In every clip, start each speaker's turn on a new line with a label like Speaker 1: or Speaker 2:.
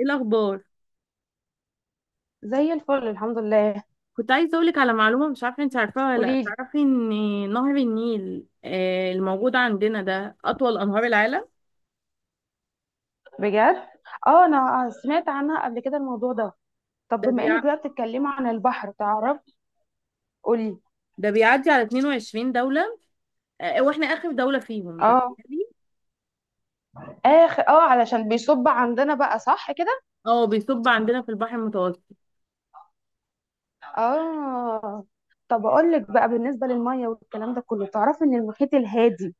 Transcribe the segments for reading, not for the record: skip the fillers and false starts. Speaker 1: ايه الاخبار؟
Speaker 2: زي الفل، الحمد لله.
Speaker 1: كنت عايزه اقولك على معلومه، مش عارفه انت عارفاها ولا لا.
Speaker 2: قوليلي.
Speaker 1: تعرفي ان نهر النيل الموجود عندنا ده اطول انهار العالم.
Speaker 2: بجد؟ اه، انا سمعت عنها قبل كده الموضوع ده. طب
Speaker 1: ده
Speaker 2: بما انك
Speaker 1: بيع...
Speaker 2: بقى بتتكلمي عن البحر، تعرف. قولي.
Speaker 1: ده بيعدي على 22 دوله. واحنا اخر دوله فيهم،
Speaker 2: اه،
Speaker 1: تخيلي.
Speaker 2: اخر، علشان بيصب عندنا بقى، صح كده؟
Speaker 1: اه، بيصب عندنا في البحر المتوسط.
Speaker 2: اه. طب اقول لك بقى بالنسبه للميه والكلام ده كله، تعرفي ان المحيط الهادي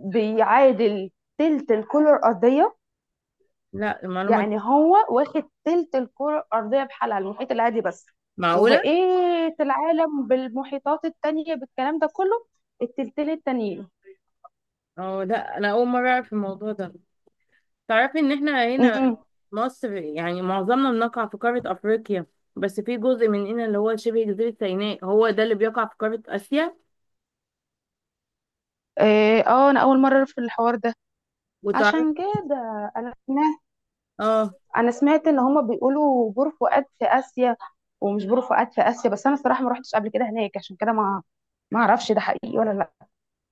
Speaker 2: بيعادل تلت الكره الارضيه.
Speaker 1: لا، المعلومه دي
Speaker 2: يعني هو واخد تلت الكرة الأرضية بحالها، المحيط الهادي بس.
Speaker 1: معقوله؟
Speaker 2: وبقية العالم بالمحيطات التانية بالكلام ده كله، التلتين التانيين.
Speaker 1: اه، لا انا اول مره اعرف الموضوع ده. تعرفي ان احنا هنا
Speaker 2: أمم.
Speaker 1: مصر، يعني معظمنا بنقع في قاره افريقيا، بس في جزء مننا اللي هو شبه جزيره سيناء هو ده اللي بيقع في قاره اسيا.
Speaker 2: إيه، انا اول مرة في الحوار ده.
Speaker 1: وتعرف،
Speaker 2: عشان كده، انا سمعت
Speaker 1: اه،
Speaker 2: انا سمعت ان هما بيقولوا بور فؤاد في اسيا. ومش بور فؤاد في اسيا بس، انا الصراحة ما روحتش قبل كده هناك، عشان كده ما اعرفش ده حقيقي ولا لا.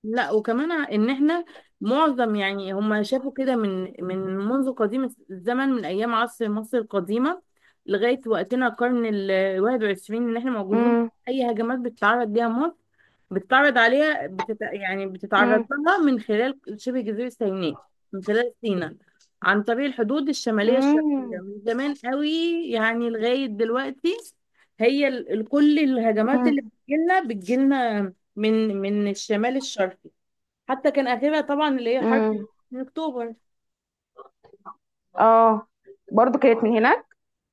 Speaker 1: لا، وكمان ان احنا معظم، يعني هم شافوا كده من منذ قديم الزمن، من ايام عصر مصر القديمه لغايه وقتنا، القرن ال 21، ان احنا موجودين.
Speaker 2: امم.
Speaker 1: اي هجمات بتتعرض ليها مصر بتتعرض عليها بتت... يعني بتتعرض
Speaker 2: امم.
Speaker 1: لها من خلال شبه جزيره سيناء، من خلال سيناء، عن طريق الحدود الشماليه الشرقيه
Speaker 2: امم.
Speaker 1: من زمان قوي، يعني لغايه دلوقتي. هي كل الهجمات
Speaker 2: امم.
Speaker 1: اللي بتجيلنا من الشمال الشرقي. حتى كان اخرها طبعا اللي هي حرب
Speaker 2: أمم.
Speaker 1: من اكتوبر.
Speaker 2: اه، برضو كانت من هناك.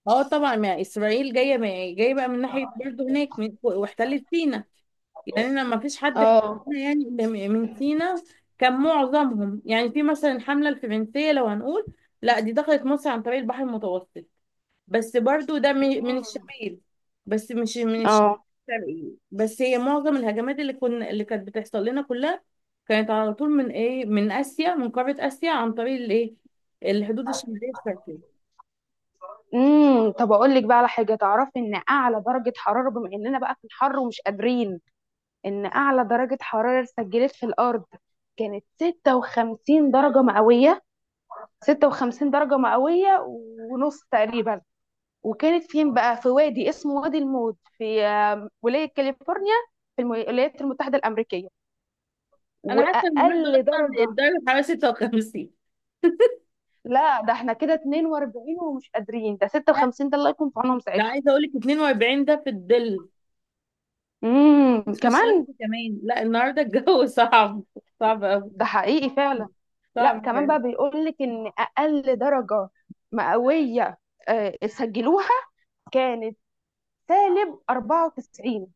Speaker 1: اه، طبعا ما اسرائيل جايه، ما جايه بقى من ناحيه برضه هناك، من واحتلت سينا. يعني انا ما فيش حد
Speaker 2: اه.
Speaker 1: احتلنا يعني إلا من سينا. كان معظمهم، يعني في مثلا الحمله الفرنسيه لو هنقول، لا دي دخلت مصر عن طريق البحر المتوسط، بس برضو ده من الشمال، بس مش من
Speaker 2: اه.
Speaker 1: الشرقي. بس هي معظم الهجمات اللي كانت بتحصل لنا كلها، كانت على طول من ايه، من اسيا، من قاره اسيا، عن طريق الايه، الحدود الشماليه الشرقيه.
Speaker 2: امم. طب اقول لك بقى على حاجه، تعرفي ان اعلى درجه حراره، بما اننا بقى في الحر ومش قادرين، ان اعلى درجه حراره سجلت في الارض كانت 56 درجه مئويه. 56 درجه مئويه ونص تقريبا. وكانت فين بقى؟ في وادي اسمه وادي الموت في ولايه كاليفورنيا، في الولايات المتحده الامريكيه.
Speaker 1: انا حاسه النهارده
Speaker 2: واقل
Speaker 1: اصلا
Speaker 2: درجه.
Speaker 1: الدرجه الحراريه 56.
Speaker 2: لا ده احنا كده 42 ومش قادرين، ده
Speaker 1: لا،
Speaker 2: 56 ده الله يكون في عونهم
Speaker 1: ده
Speaker 2: ساعتها.
Speaker 1: عايزه اقول لك 42 ده في الظل،
Speaker 2: امم،
Speaker 1: مش في
Speaker 2: كمان.
Speaker 1: الشمس. كمان، لا، النهارده الجو صعب، صعب قوي،
Speaker 2: ده حقيقي فعلا. لا،
Speaker 1: صعب
Speaker 2: كمان
Speaker 1: فعلا.
Speaker 2: بقى بيقول لك ان اقل درجه مئويه سجلوها كانت سالب 94.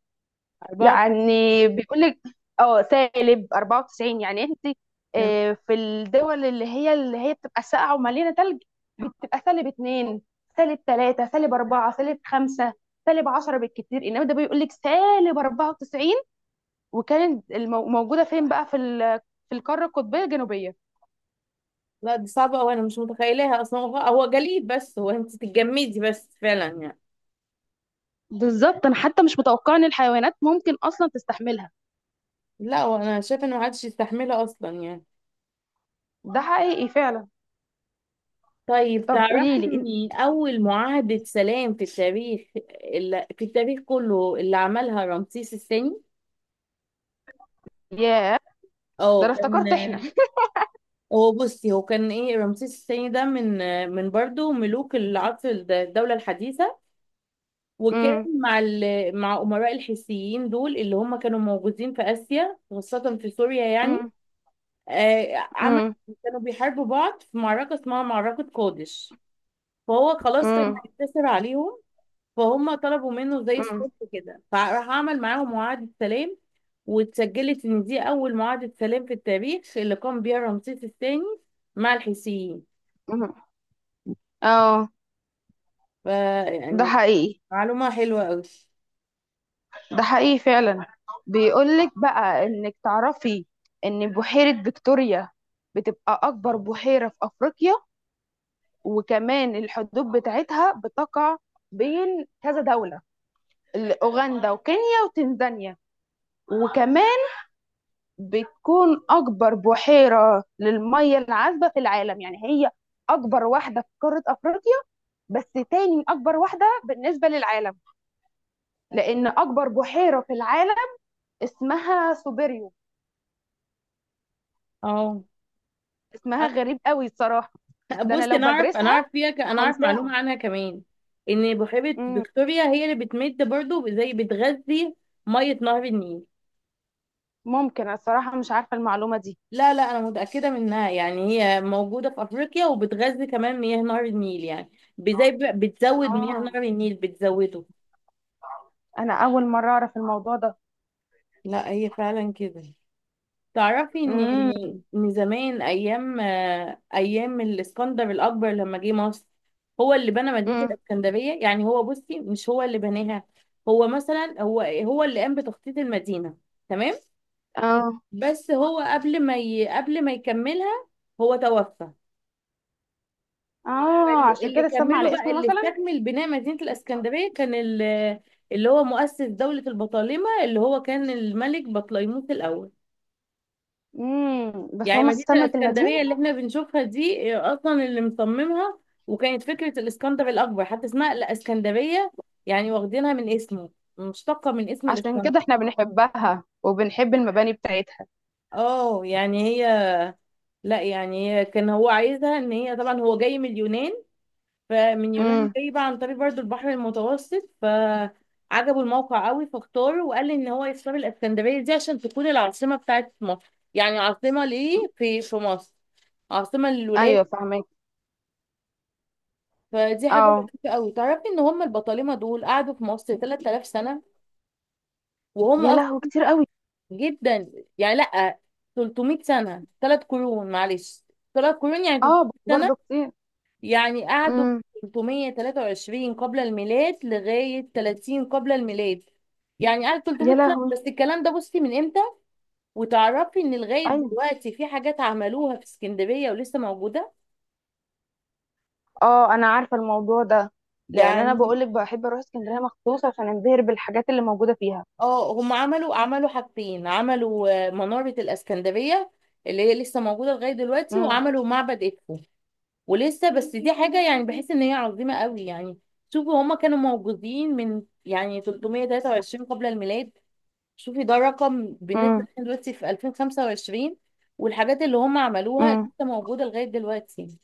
Speaker 1: 4.
Speaker 2: يعني بيقول لك، اه سالب 94، يعني انت في الدول اللي هي بتبقى ساقعه ومليانه ثلج بتبقى سالب 2، سالب 3، سالب 4، سالب 5، سالب 10 بالكتير، انما ده بيقول لك سالب 94. وكانت موجوده فين بقى؟ في في القاره القطبيه الجنوبيه.
Speaker 1: لا، دي صعبة أوي، أنا مش متخيلاها أصلا. هو جليد، بس هو أنت تتجمدي بس فعلا يعني.
Speaker 2: بالظبط، انا حتى مش متوقعه ان الحيوانات ممكن اصلا تستحملها.
Speaker 1: لا، وأنا شايفة إنه محدش يستحملها أصلا يعني.
Speaker 2: ده حقيقي فعلا.
Speaker 1: طيب
Speaker 2: طب قولي
Speaker 1: تعرفي
Speaker 2: لي انت.
Speaker 1: إن أول معاهدة سلام في التاريخ، اللي في التاريخ كله، اللي عملها رمسيس الثاني.
Speaker 2: ياه، ده
Speaker 1: أه،
Speaker 2: انا
Speaker 1: كان
Speaker 2: افتكرت احنا
Speaker 1: هو، بصي هو كان إيه، رمسيس الثاني ده من برضه ملوك العصر الدولة الحديثة، وكان
Speaker 2: امم.
Speaker 1: مع مع أمراء الحيثيين دول اللي هم كانوا موجودين في آسيا، خاصة في سوريا يعني.
Speaker 2: امم.
Speaker 1: عمل، كانوا بيحاربوا بعض في معركة اسمها معركة قادش، فهو خلاص كان
Speaker 2: امم.
Speaker 1: هينتصر عليهم، فهم طلبوا منه زي
Speaker 2: امم.
Speaker 1: الصلح كده، فراح عمل معاهم معاهدة سلام، واتسجلت ان دي اول معاهدة سلام في التاريخ، اللي قام بيها رمسيس الثاني مع الحيثيين.
Speaker 2: امم. اه.
Speaker 1: ف
Speaker 2: ده
Speaker 1: يعني
Speaker 2: حقيقي.
Speaker 1: معلومة حلوة قوي.
Speaker 2: ده حقيقي فعلا. بيقولك بقى، انك تعرفي ان بحيرة فيكتوريا بتبقى اكبر بحيرة في افريقيا. وكمان الحدود بتاعتها بتقع بين كذا دولة: اوغندا وكينيا وتنزانيا. وكمان بتكون أكبر بحيرة للمية العذبة في العالم. يعني هي أكبر واحدة في قارة أفريقيا، بس تاني أكبر واحدة بالنسبة للعالم، لأن أكبر بحيرة في العالم اسمها سوبيريو.
Speaker 1: اه،
Speaker 2: اسمها
Speaker 1: أ-
Speaker 2: غريب قوي الصراحة. ده أنا
Speaker 1: بصي
Speaker 2: لو
Speaker 1: انا اعرف،
Speaker 2: بدرسها
Speaker 1: انا اعرف معلومة
Speaker 2: هنساها.
Speaker 1: عنها كمان. ان بحيرة
Speaker 2: مم.
Speaker 1: فيكتوريا هي اللي بتمد برضو، زي بتغذي مية نهر النيل.
Speaker 2: ممكن، أنا الصراحة مش عارفة المعلومة دي.
Speaker 1: لا، لا، انا متاكده منها، يعني هي موجوده في افريقيا وبتغذي كمان مياه نهر النيل، يعني زي بتزود مياه
Speaker 2: آه،
Speaker 1: نهر النيل، بتزوده.
Speaker 2: أنا أول مرة أعرف الموضوع ده.
Speaker 1: لا، هي فعلا كده. تعرفي ان
Speaker 2: مم.
Speaker 1: ان زمان، ايام الاسكندر الاكبر لما جه مصر، هو اللي بنى مدينه
Speaker 2: مم.
Speaker 1: الاسكندريه. يعني هو، بصي مش هو اللي بناها، هو مثلا هو اللي قام بتخطيط المدينه، تمام،
Speaker 2: آه.
Speaker 1: بس هو قبل ما يكملها هو توفى.
Speaker 2: آه،
Speaker 1: فاللي
Speaker 2: عشان
Speaker 1: اللي
Speaker 2: كده اتسمى
Speaker 1: كملوا
Speaker 2: على
Speaker 1: بقى،
Speaker 2: اسمه
Speaker 1: اللي
Speaker 2: مثلا.
Speaker 1: استكمل بناء مدينة الإسكندرية كان اللي هو مؤسس دولة البطالمة، اللي هو كان الملك بطليموس الأول.
Speaker 2: مم. بس
Speaker 1: يعني
Speaker 2: هما
Speaker 1: مدينة
Speaker 2: سمت المدينة.
Speaker 1: الإسكندرية اللي احنا بنشوفها دي، أصلا اللي مصممها وكانت فكرة الإسكندر الأكبر، حتى اسمها الإسكندرية، يعني واخدينها من اسمه، مشتقة من اسم
Speaker 2: عشان
Speaker 1: الإسكندر.
Speaker 2: كده احنا بنحبها وبنحب المباني بتاعتها.
Speaker 1: اه، يعني هي لا يعني هي كان هو عايزها، ان هي طبعا هو جاي من اليونان، فمن يونان
Speaker 2: امم.
Speaker 1: جاي بقى عن طريق برضو البحر المتوسط، فعجبه الموقع قوي فاختاره، وقال لي ان هو يختار الاسكندريه دي عشان تكون العاصمه بتاعت مصر، يعني عاصمه ليه في مصر، عاصمه
Speaker 2: ايوه،
Speaker 1: للولايات.
Speaker 2: فاهمك.
Speaker 1: فدي حاجه
Speaker 2: اه،
Speaker 1: لطيفه قوي. تعرفي ان هم البطالمه دول قعدوا في مصر 3000 سنه، وهم
Speaker 2: يا لهوي،
Speaker 1: اصلا
Speaker 2: كتير قوي.
Speaker 1: جدا، يعني لا، 300 سنه، ثلاث قرون، معلش ثلاث قرون يعني.
Speaker 2: اه،
Speaker 1: 300،
Speaker 2: برضه كتير.
Speaker 1: يعني قعدوا
Speaker 2: امم.
Speaker 1: 323 قبل الميلاد لغاية 30 قبل الميلاد، يعني قعد
Speaker 2: يا
Speaker 1: 300 سنة
Speaker 2: لهوي.
Speaker 1: بس. الكلام ده بصي من امتى! وتعرفي ان لغاية
Speaker 2: ايوه.
Speaker 1: دلوقتي في حاجات عملوها في اسكندرية ولسه موجودة
Speaker 2: اه، انا عارفه الموضوع ده. لان انا
Speaker 1: يعني.
Speaker 2: بقولك بحب اروح اسكندريه مخصوص عشان انبهر بالحاجات اللي موجوده فيها.
Speaker 1: اه، هم عملوا حاجتين، عملوا منارة الاسكندرية، اللي هي لسه موجودة لغاية دلوقتي،
Speaker 2: امم.
Speaker 1: وعملوا معبد إدفو ولسه. بس دي حاجة، يعني بحس ان هي عظيمة قوي يعني. شوفوا هما كانوا موجودين من يعني 323 قبل الميلاد، شوفي ده رقم بالنسبة
Speaker 2: امم.
Speaker 1: لنا دلوقتي في 2025، والحاجات اللي هم عملوها
Speaker 2: امم.
Speaker 1: لسه موجودة لغاية دلوقتي.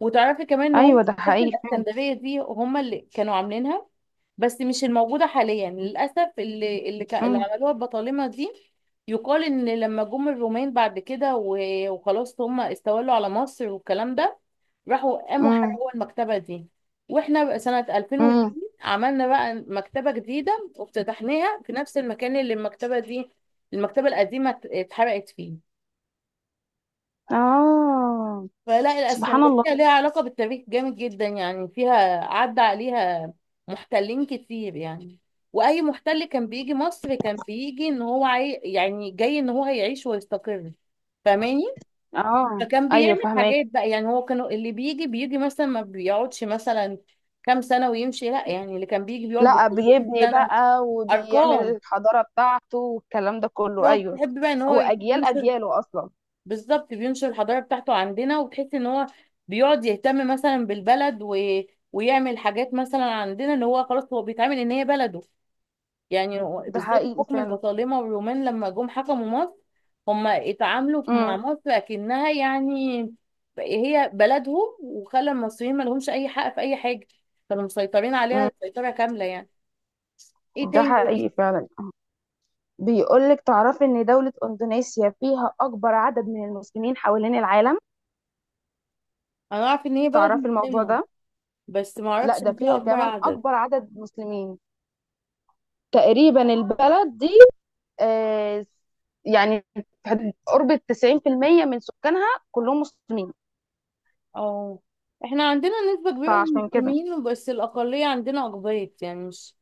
Speaker 1: وتعرفي كمان ان هم
Speaker 2: ايوه، ده
Speaker 1: في
Speaker 2: حقيقي فعلا.
Speaker 1: الاسكندرية دي، هم اللي كانوا عاملينها، بس مش الموجودة حاليا للأسف. اللي
Speaker 2: امم.
Speaker 1: عملوها البطالمة دي، يقال إن لما جم الرومان بعد كده وخلاص هم استولوا على مصر والكلام ده، راحوا قاموا
Speaker 2: امم.
Speaker 1: حرقوا المكتبة دي، واحنا بقى سنة
Speaker 2: امم.
Speaker 1: 2002 عملنا بقى مكتبة جديدة وافتتحناها في نفس المكان اللي المكتبة دي، المكتبة القديمة اتحرقت فيه.
Speaker 2: اه،
Speaker 1: فلا،
Speaker 2: سبحان
Speaker 1: الاسكندريه
Speaker 2: الله.
Speaker 1: ليها علاقه بالتاريخ جامد جدا يعني، فيها عدى عليها محتلين كتير يعني. واي محتل كان بيجي مصر كان بيجي ان هو يعني جاي ان هو هيعيش ويستقر، فاهماني،
Speaker 2: اه،
Speaker 1: فكان
Speaker 2: ايوه
Speaker 1: بيعمل
Speaker 2: فاهمك.
Speaker 1: حاجات بقى. يعني هو كانوا اللي بيجي، مثلا ما بيقعدش مثلا كام سنه ويمشي، لا يعني اللي كان بيجي بيقعد بال
Speaker 2: لا،
Speaker 1: 300
Speaker 2: بيبني
Speaker 1: سنه،
Speaker 2: بقى وبيعمل
Speaker 1: ارقام.
Speaker 2: الحضارة بتاعته والكلام ده كله،
Speaker 1: هو
Speaker 2: أيوه.
Speaker 1: بيحب بقى ان هو
Speaker 2: هو أجيال،
Speaker 1: ينشر،
Speaker 2: أجياله أصلا.
Speaker 1: بالظبط، بينشر الحضارة بتاعته عندنا. وتحس ان هو بيقعد يهتم مثلا بالبلد و... ويعمل حاجات مثلا عندنا، اللي هو خلاص هو بيتعامل ان هي بلده. يعني
Speaker 2: ده
Speaker 1: بالذات
Speaker 2: حقيقي
Speaker 1: الحكم
Speaker 2: فعلا.
Speaker 1: البطالمة والرومان لما جم حكموا مصر، هم اتعاملوا مع
Speaker 2: امم.
Speaker 1: مصر اكنها، يعني هي بلدهم، وخلى المصريين ما لهمش اي حق في اي حاجة، كانوا مسيطرين
Speaker 2: امم.
Speaker 1: عليها سيطرة كاملة يعني. ايه
Speaker 2: ده
Speaker 1: تاني
Speaker 2: حقيقي
Speaker 1: إيه؟
Speaker 2: فعلا. بيقولك تعرفي إن دولة إندونيسيا فيها أكبر عدد من المسلمين حوالين العالم.
Speaker 1: انا اعرف ان هي بلد
Speaker 2: تعرفي الموضوع
Speaker 1: مسلمة،
Speaker 2: ده؟
Speaker 1: بس ما
Speaker 2: لا،
Speaker 1: اعرفش
Speaker 2: ده
Speaker 1: ان فيها
Speaker 2: فيها
Speaker 1: اكبر
Speaker 2: كمان
Speaker 1: عدد.
Speaker 2: أكبر عدد مسلمين تقريبا البلد دي. آه، يعني في قرب 90% من سكانها كلهم مسلمين.
Speaker 1: اه، احنا عندنا نسبة كبيرة من
Speaker 2: فعشان كده
Speaker 1: المسلمين، بس الأقلية عندنا أقباط، يعني مش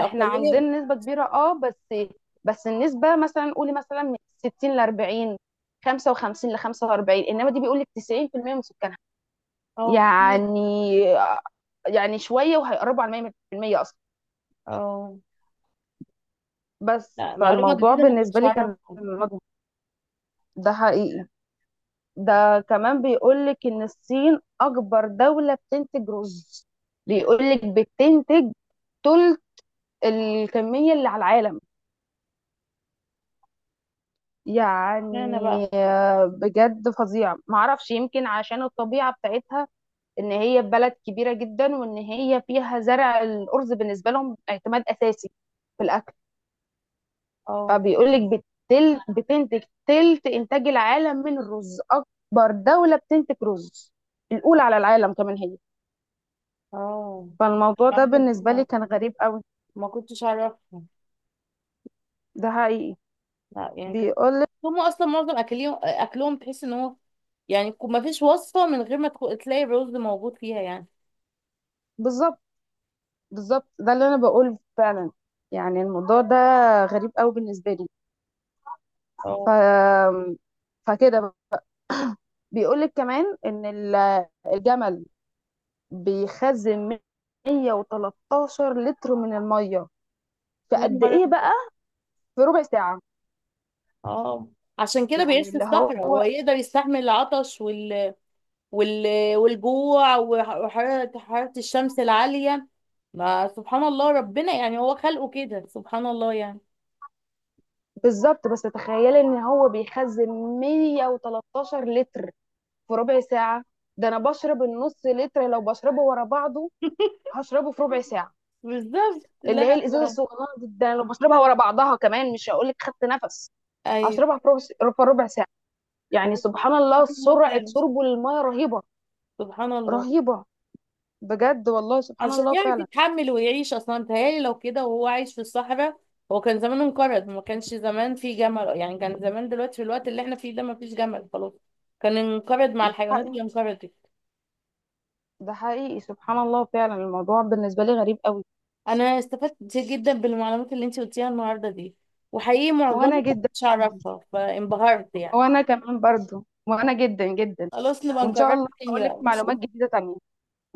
Speaker 2: احنا عندنا نسبة كبيرة، اه، بس بس النسبة مثلا قولي مثلا من 60 ل 40، 55 ل 45، انما دي بيقول لك 90% من سكانها.
Speaker 1: اه، كتير.
Speaker 2: يعني شوية وهيقربوا على 100% اصلا.
Speaker 1: اه،
Speaker 2: بس
Speaker 1: لا معلومة
Speaker 2: فالموضوع
Speaker 1: جديدة ما
Speaker 2: بالنسبة
Speaker 1: كنتش
Speaker 2: لي كان
Speaker 1: أعرفها.
Speaker 2: مضغوط. ده حقيقي. ده كمان بيقول لك ان الصين اكبر دولة بتنتج رز. بيقول لك بتنتج تلت الكمية اللي على العالم. يعني
Speaker 1: اشمعنى بقى؟
Speaker 2: بجد فظيعة، معرفش يمكن عشان الطبيعة بتاعتها، ان هي بلد كبيرة جدا وان هي فيها زرع الأرز بالنسبة لهم اعتماد أساسي في الأكل.
Speaker 1: اه.
Speaker 2: فبيقولك بتنتج تلت إنتاج العالم من الرز، أكبر دولة بتنتج رز، الأولى على العالم كمان هي.
Speaker 1: اه،
Speaker 2: فالموضوع ده
Speaker 1: معلومة
Speaker 2: بالنسبة لي
Speaker 1: جديدة
Speaker 2: كان غريب قوي.
Speaker 1: ما كنتش أعرفها.
Speaker 2: ده حقيقي.
Speaker 1: لا يعني كده.
Speaker 2: بيقولك،
Speaker 1: هم أصلا معظم أكلهم، أكلهم تحس إن هو، يعني ما فيش وصفة من غير ما تلاقي الرز موجود فيها يعني.
Speaker 2: بالظبط، بالظبط ده اللي أنا بقول فعلا. يعني الموضوع ده غريب قوي بالنسبة لي. ف...
Speaker 1: اه،
Speaker 2: فكده بيقول لك كمان ان الجمل بيخزن 113 لتر من الميه في
Speaker 1: يا
Speaker 2: قد
Speaker 1: نهار
Speaker 2: ايه
Speaker 1: أبيض.
Speaker 2: بقى؟ في ربع ساعه.
Speaker 1: اه، عشان كده
Speaker 2: يعني
Speaker 1: بيعيش في
Speaker 2: اللي هو،
Speaker 1: الصحراء، هو يقدر يستحمل العطش والجوع وحرارة الشمس العالية. ما سبحان الله، ربنا يعني هو خلقه كده، سبحان الله يعني.
Speaker 2: بالظبط، بس تخيلي ان هو بيخزن 113 لتر في ربع ساعه. ده انا بشرب النص لتر، لو بشربه ورا بعضه هشربه في ربع ساعه.
Speaker 1: بالظبط، لا
Speaker 2: اللي هي الازازه الصغيره دي، ده أنا لو بشربها ورا بعضها كمان، مش هقول لك خدت نفس،
Speaker 1: ايوه.
Speaker 2: هشربها في ربع ساعه.
Speaker 1: هو
Speaker 2: يعني سبحان الله،
Speaker 1: سبحان الله
Speaker 2: سرعة
Speaker 1: فعلا،
Speaker 2: شربه للمية رهيبة.
Speaker 1: سبحان الله.
Speaker 2: رهيبة، بجد والله، سبحان
Speaker 1: عشان
Speaker 2: الله
Speaker 1: يعرف
Speaker 2: فعلا.
Speaker 1: يتحمل ويعيش اصلا. متهيألي لو كده وهو عايش في الصحراء هو كان زمان انقرض، ما كانش زمان في جمل يعني، كان زمان دلوقتي في الوقت اللي احنا فيه ده ما فيش جمل خلاص، كان انقرض مع الحيوانات
Speaker 2: حقيقي-
Speaker 1: اللي انقرضت.
Speaker 2: ده حقيقي، سبحان الله فعلا، الموضوع بالنسبة لي غريب قوي.
Speaker 1: انا استفدت كتير جدا بالمعلومات اللي انت قلتيها النهارده دي، وحقيقي
Speaker 2: وانا
Speaker 1: معظمها
Speaker 2: جدا
Speaker 1: مش
Speaker 2: يا عبدي.
Speaker 1: هعرفها فانبهرت يعني.
Speaker 2: وانا كمان برضو، وانا جدا جدا.
Speaker 1: خلاص نبقى
Speaker 2: وان شاء
Speaker 1: نكررها
Speaker 2: الله
Speaker 1: تاني
Speaker 2: هقول لك
Speaker 1: بقى، ماشي.
Speaker 2: معلومات جديدة تانية.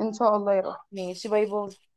Speaker 2: ان شاء الله يا رب.
Speaker 1: ماشي، باي باي.